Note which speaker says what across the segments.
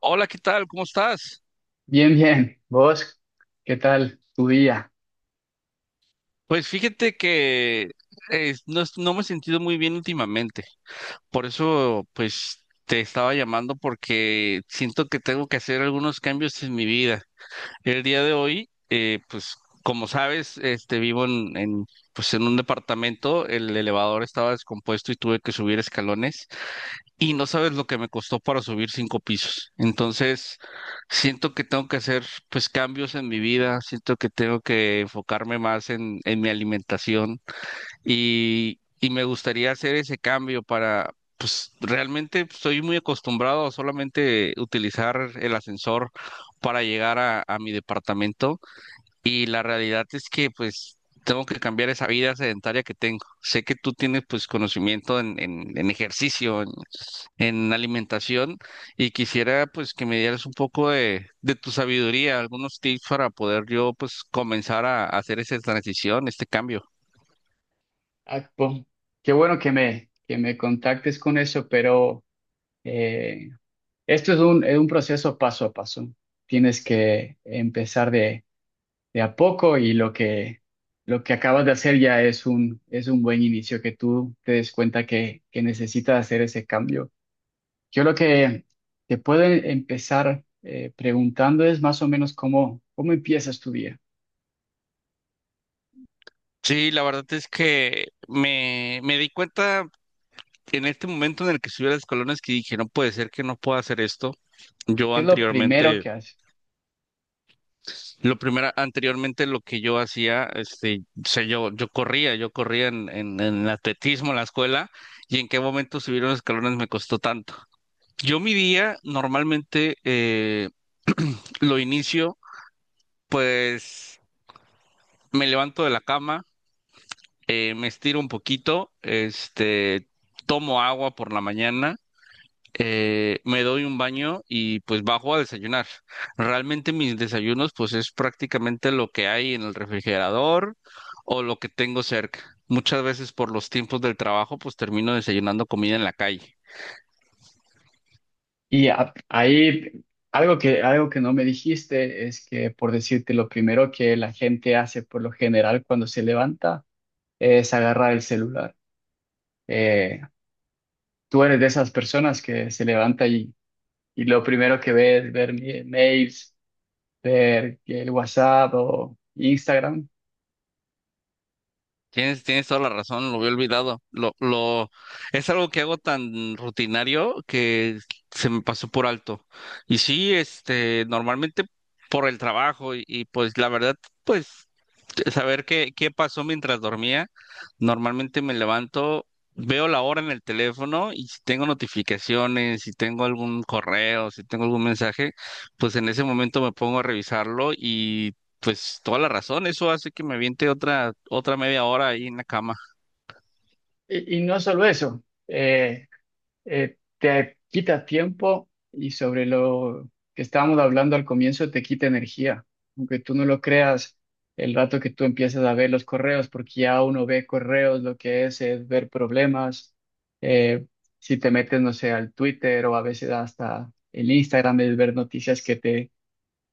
Speaker 1: Hola, ¿qué tal? ¿Cómo estás?
Speaker 2: Bien, bien. ¿Vos qué tal tu día?
Speaker 1: Pues fíjate que no, no me he sentido muy bien últimamente. Por eso, pues, te estaba llamando porque siento que tengo que hacer algunos cambios en mi vida. El día de hoy, pues, como sabes, vivo en pues, en un departamento. El elevador estaba descompuesto y tuve que subir escalones. Y no sabes lo que me costó para subir 5 pisos. Entonces, siento que tengo que hacer pues cambios en mi vida, siento que tengo que enfocarme más en mi alimentación y me gustaría hacer ese cambio para, pues realmente estoy muy acostumbrado a solamente utilizar el ascensor para llegar a mi departamento y la realidad es que pues tengo que cambiar esa vida sedentaria que tengo. Sé que tú tienes pues conocimiento en ejercicio, en alimentación y quisiera pues que me dieras un poco de tu sabiduría, algunos tips para poder yo pues comenzar a hacer esa transición, este cambio.
Speaker 2: Ah, po- Qué bueno que me contactes con eso, pero eh, esto es es un proceso paso a paso. Tienes que empezar de a poco y lo lo que acabas de hacer ya es es un buen inicio, que tú te des cuenta que necesitas hacer ese cambio. Yo lo que te puedo empezar preguntando es más o menos cómo empiezas tu día.
Speaker 1: Sí, la verdad es que me di cuenta en este momento en el que subí a las colones que dije, no puede ser que no pueda hacer esto. Yo
Speaker 2: ¿Qué es lo primero
Speaker 1: anteriormente.
Speaker 2: que haces?
Speaker 1: Lo primero, anteriormente lo que yo hacía, yo corría yo corría en en atletismo en la escuela y en qué momento subir los escalones me costó tanto. Yo mi día normalmente lo inicio, pues me levanto de la cama, me estiro un poquito, tomo agua por la mañana, me doy un baño y pues bajo a desayunar. Realmente mis desayunos pues es prácticamente lo que hay en el refrigerador o lo que tengo cerca. Muchas veces por los tiempos del trabajo pues termino desayunando comida en la calle.
Speaker 2: Ahí algo algo que no me dijiste es que, por decirte, lo primero que la gente hace por lo general cuando se levanta es agarrar el celular. Eh, Tú eres de esas personas que se levanta y lo primero que ve es ver mails, ver el WhatsApp o Instagram.
Speaker 1: Tienes toda la razón, lo había olvidado. Es algo que hago tan rutinario que se me pasó por alto. Y sí, normalmente por el trabajo y pues la verdad, pues saber qué, pasó mientras dormía, normalmente me levanto, veo la hora en el teléfono y si tengo notificaciones, si tengo algún correo, si tengo algún mensaje, pues en ese momento me pongo a revisarlo y pues toda la razón, eso hace que me aviente otra media hora ahí en la cama.
Speaker 2: Y y, no solo eso. Te quita tiempo y sobre lo que estábamos hablando al comienzo, te quita energía. Aunque tú no lo creas, el rato que tú empiezas a ver los correos, porque ya uno ve correos, lo que es ver problemas. Eh, si te metes, no sé, al Twitter o a veces hasta el Instagram, es ver noticias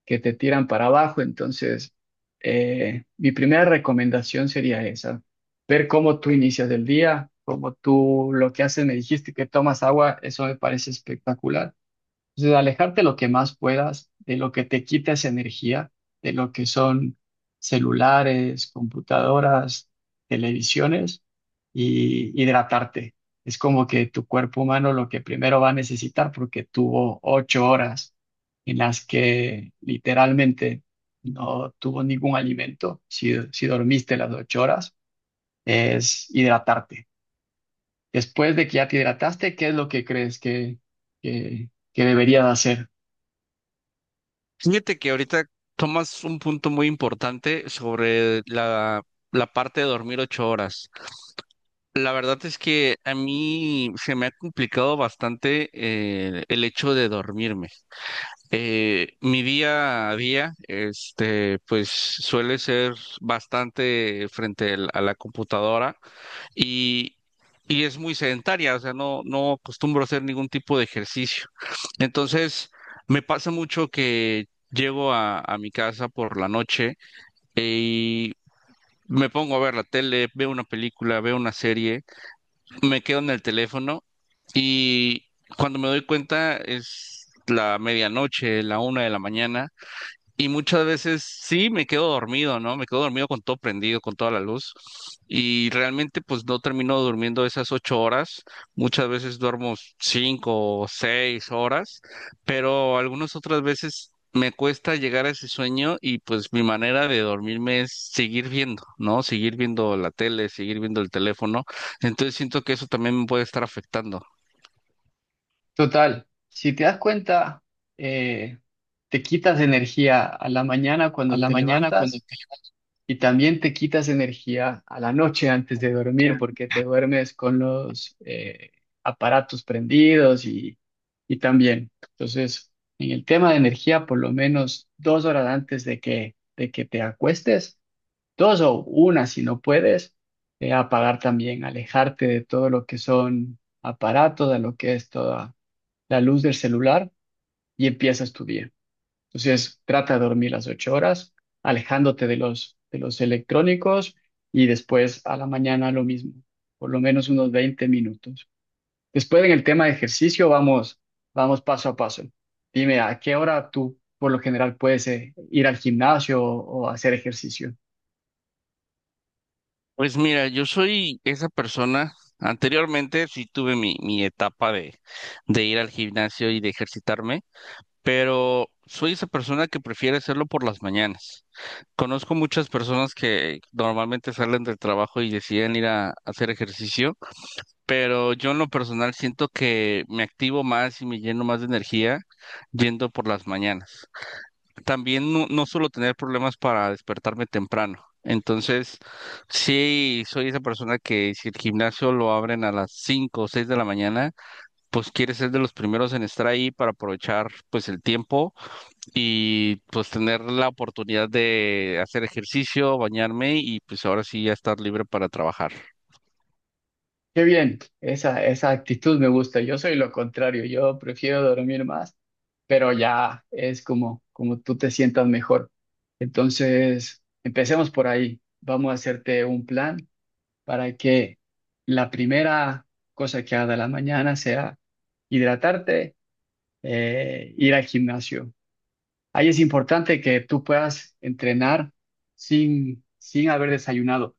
Speaker 2: que te tiran para abajo. Entonces, mi primera recomendación sería esa, ver cómo tú inicias el día, cómo tú lo que haces, me dijiste que tomas agua, eso me parece espectacular. Entonces, alejarte lo que más puedas de lo que te quita esa energía, de lo que son celulares, computadoras, televisiones, y hidratarte. Es como que tu cuerpo humano lo que primero va a necesitar porque tuvo 8 horas en las que literalmente no tuvo ningún alimento. Si, si dormiste las 8 horas, es hidratarte. Después de que ya te hidrataste, ¿qué es lo que crees que deberías hacer?
Speaker 1: Fíjate que ahorita tomas un punto muy importante sobre la parte de dormir 8 horas. La verdad es que a mí se me ha complicado bastante, el hecho de dormirme. Mi día a día, pues suele ser bastante a la computadora y, y es muy sedentaria, o sea, no acostumbro a hacer ningún tipo de ejercicio. Entonces, me pasa mucho que llego a mi casa por la noche, eh, y me pongo a ver la tele, veo una película, veo una serie, me quedo en el teléfono y cuando me doy cuenta es la medianoche, la 1 de la mañana, y muchas veces sí me quedo dormido, ¿no? Me quedo dormido con todo prendido, con toda la luz. Y realmente pues no termino durmiendo esas 8 horas. Muchas veces duermo 5 o 6 horas, pero algunas otras veces me cuesta llegar a ese sueño y pues mi manera de dormirme es seguir viendo, ¿no? Seguir viendo la tele, seguir viendo el teléfono. Entonces siento que eso también me puede estar afectando.
Speaker 2: Total, si te das cuenta, eh, te quitas energía a la mañana
Speaker 1: A
Speaker 2: cuando
Speaker 1: la
Speaker 2: te
Speaker 1: mañana, cuando
Speaker 2: levantas y también te quitas energía a la noche antes de
Speaker 1: te.
Speaker 2: dormir porque te duermes con los aparatos prendidos y también. Entonces, en el tema de energía, por lo menos 2 horas antes de de que te acuestes, dos o una si no puedes, apagar también, alejarte de todo lo que son aparatos, de lo que es toda la luz del celular y empiezas tu día. Entonces, trata de dormir las 8 horas, alejándote de de los electrónicos y después a la mañana lo mismo, por lo menos unos 20 minutos. Después en el tema de ejercicio vamos paso a paso. Dime, ¿a qué hora tú por lo general puedes ir al gimnasio o hacer ejercicio?
Speaker 1: Pues mira, yo soy esa persona. Anteriormente sí tuve mi etapa de ir al gimnasio y de ejercitarme, pero soy esa persona que prefiere hacerlo por las mañanas. Conozco muchas personas que normalmente salen del trabajo y deciden ir a hacer ejercicio, pero yo en lo personal siento que me activo más y me lleno más de energía yendo por las mañanas, también no suelo tener problemas para despertarme temprano. Entonces, sí, soy esa persona que si el gimnasio lo abren a las 5 o 6 de la mañana, pues quiere ser de los primeros en estar ahí para aprovechar pues el tiempo y pues tener la oportunidad de hacer ejercicio, bañarme y pues ahora sí ya estar libre para trabajar.
Speaker 2: Qué bien, esa actitud me gusta. Yo soy lo contrario, yo prefiero dormir más pero ya es como, como tú te sientas mejor. Entonces, empecemos por ahí. Vamos a hacerte un plan para que la primera cosa que haga de la mañana sea hidratarte, ir al gimnasio. Ahí es importante que tú puedas entrenar sin haber desayunado.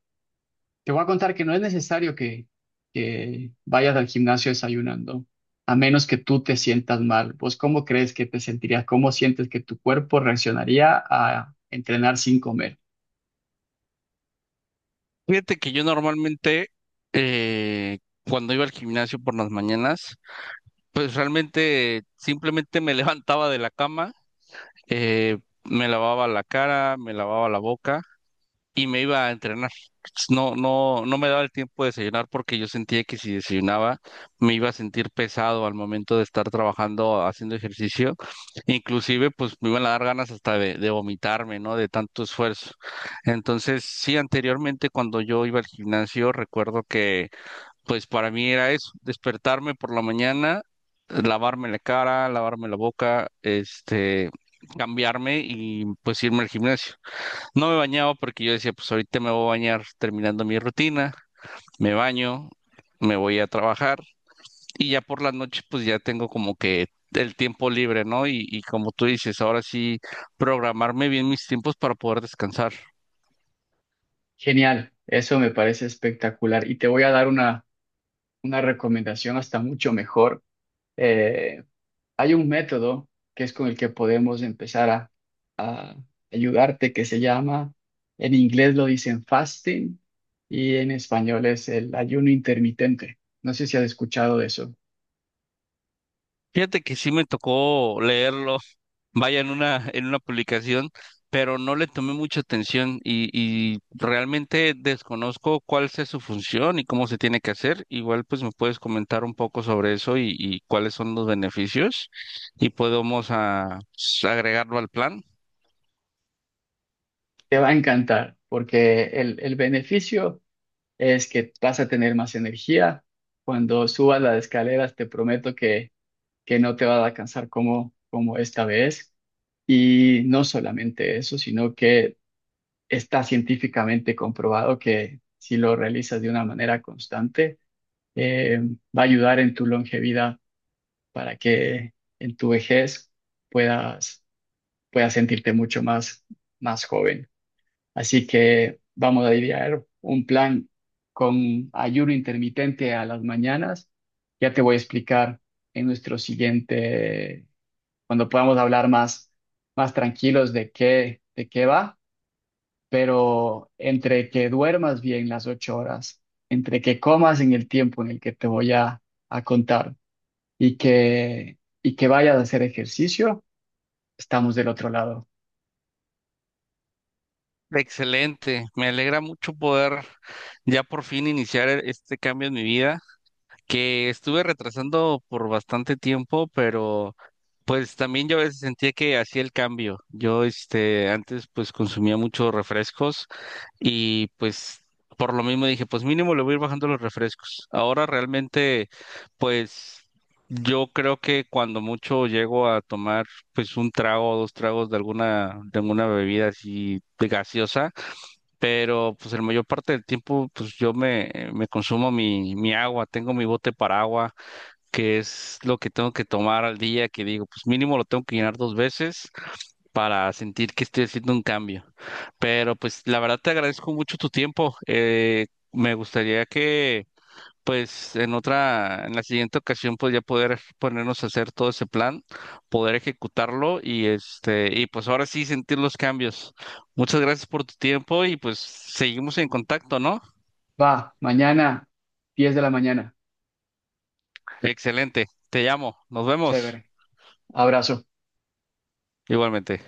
Speaker 2: Te voy a contar que no es necesario que vayas al gimnasio desayunando, a menos que tú te sientas mal. ¿Vos cómo crees que te sentirías? ¿Cómo sientes que tu cuerpo reaccionaría a entrenar sin comer?
Speaker 1: Fíjate que yo normalmente, eh, cuando iba al gimnasio por las mañanas, pues realmente simplemente me levantaba de la cama, eh, me lavaba la cara, me lavaba la boca y me iba a entrenar. No me daba el tiempo de desayunar porque yo sentía que si desayunaba me iba a sentir pesado al momento de estar trabajando, haciendo ejercicio. Inclusive, pues me iban a dar ganas hasta de vomitarme, ¿no? De tanto esfuerzo. Entonces, sí, anteriormente cuando yo iba al gimnasio, recuerdo que pues para mí era eso, despertarme por la mañana, lavarme la cara, lavarme la boca, cambiarme y pues irme al gimnasio. No me bañaba porque yo decía, pues ahorita me voy a bañar terminando mi rutina, me baño, me voy a trabajar y ya por la noche pues ya tengo como que el tiempo libre, ¿no? Y como tú dices, ahora sí programarme bien mis tiempos para poder descansar.
Speaker 2: Genial, eso me parece espectacular. Y te voy a dar una recomendación hasta mucho mejor. Eh, Hay un método que es con el que podemos empezar ayudarte, que se llama, en inglés lo dicen fasting y en español es el ayuno intermitente. No sé si has escuchado de eso.
Speaker 1: Fíjate que sí me tocó leerlo, vaya en una publicación, pero no le tomé mucha atención y realmente desconozco cuál es su función y cómo se tiene que hacer. Igual pues me puedes comentar un poco sobre eso y cuáles son los beneficios y podemos, pues, agregarlo al plan.
Speaker 2: Te va a encantar porque el beneficio es que vas a tener más energía. Cuando subas las escaleras, te prometo que no te vas a cansar como, como esta vez. Y no solamente eso, sino que está científicamente comprobado que si lo realizas de una manera constante, eh, va a ayudar en tu longevidad para que en tu vejez puedas, puedas sentirte mucho más, más joven. Así que vamos a idear un plan con ayuno intermitente a las mañanas. Ya te voy a explicar en nuestro siguiente, cuando podamos hablar más, más tranquilos de qué va, pero entre que duermas bien las 8 horas, entre que comas en el tiempo en el que te voy a contar y que vayas a hacer ejercicio, estamos del otro lado.
Speaker 1: Excelente, me alegra mucho poder ya por fin iniciar, este cambio en mi vida, que estuve retrasando por bastante tiempo, pero pues también yo a veces sentía que hacía el cambio. Yo, antes pues consumía muchos refrescos y pues por lo mismo dije, pues mínimo le voy a ir bajando los refrescos. Ahora realmente, pues yo creo que cuando mucho llego a tomar pues un trago o dos tragos de alguna bebida así de gaseosa, pero pues el mayor parte del tiempo pues yo me consumo mi agua, tengo mi bote para agua, que es lo que tengo que tomar al día, que digo, pues mínimo lo tengo que llenar 2 veces para sentir que estoy haciendo un cambio. Pero pues la verdad te agradezco mucho tu tiempo. Me gustaría que pues en la siguiente ocasión, pues ya poder ponernos a hacer todo ese plan, poder ejecutarlo y pues ahora sí sentir los cambios. Muchas gracias por tu tiempo y pues seguimos en contacto, ¿no?
Speaker 2: Va, mañana, 10 de la mañana.
Speaker 1: Excelente. Te llamo. Nos vemos.
Speaker 2: Chévere. Abrazo.
Speaker 1: Igualmente.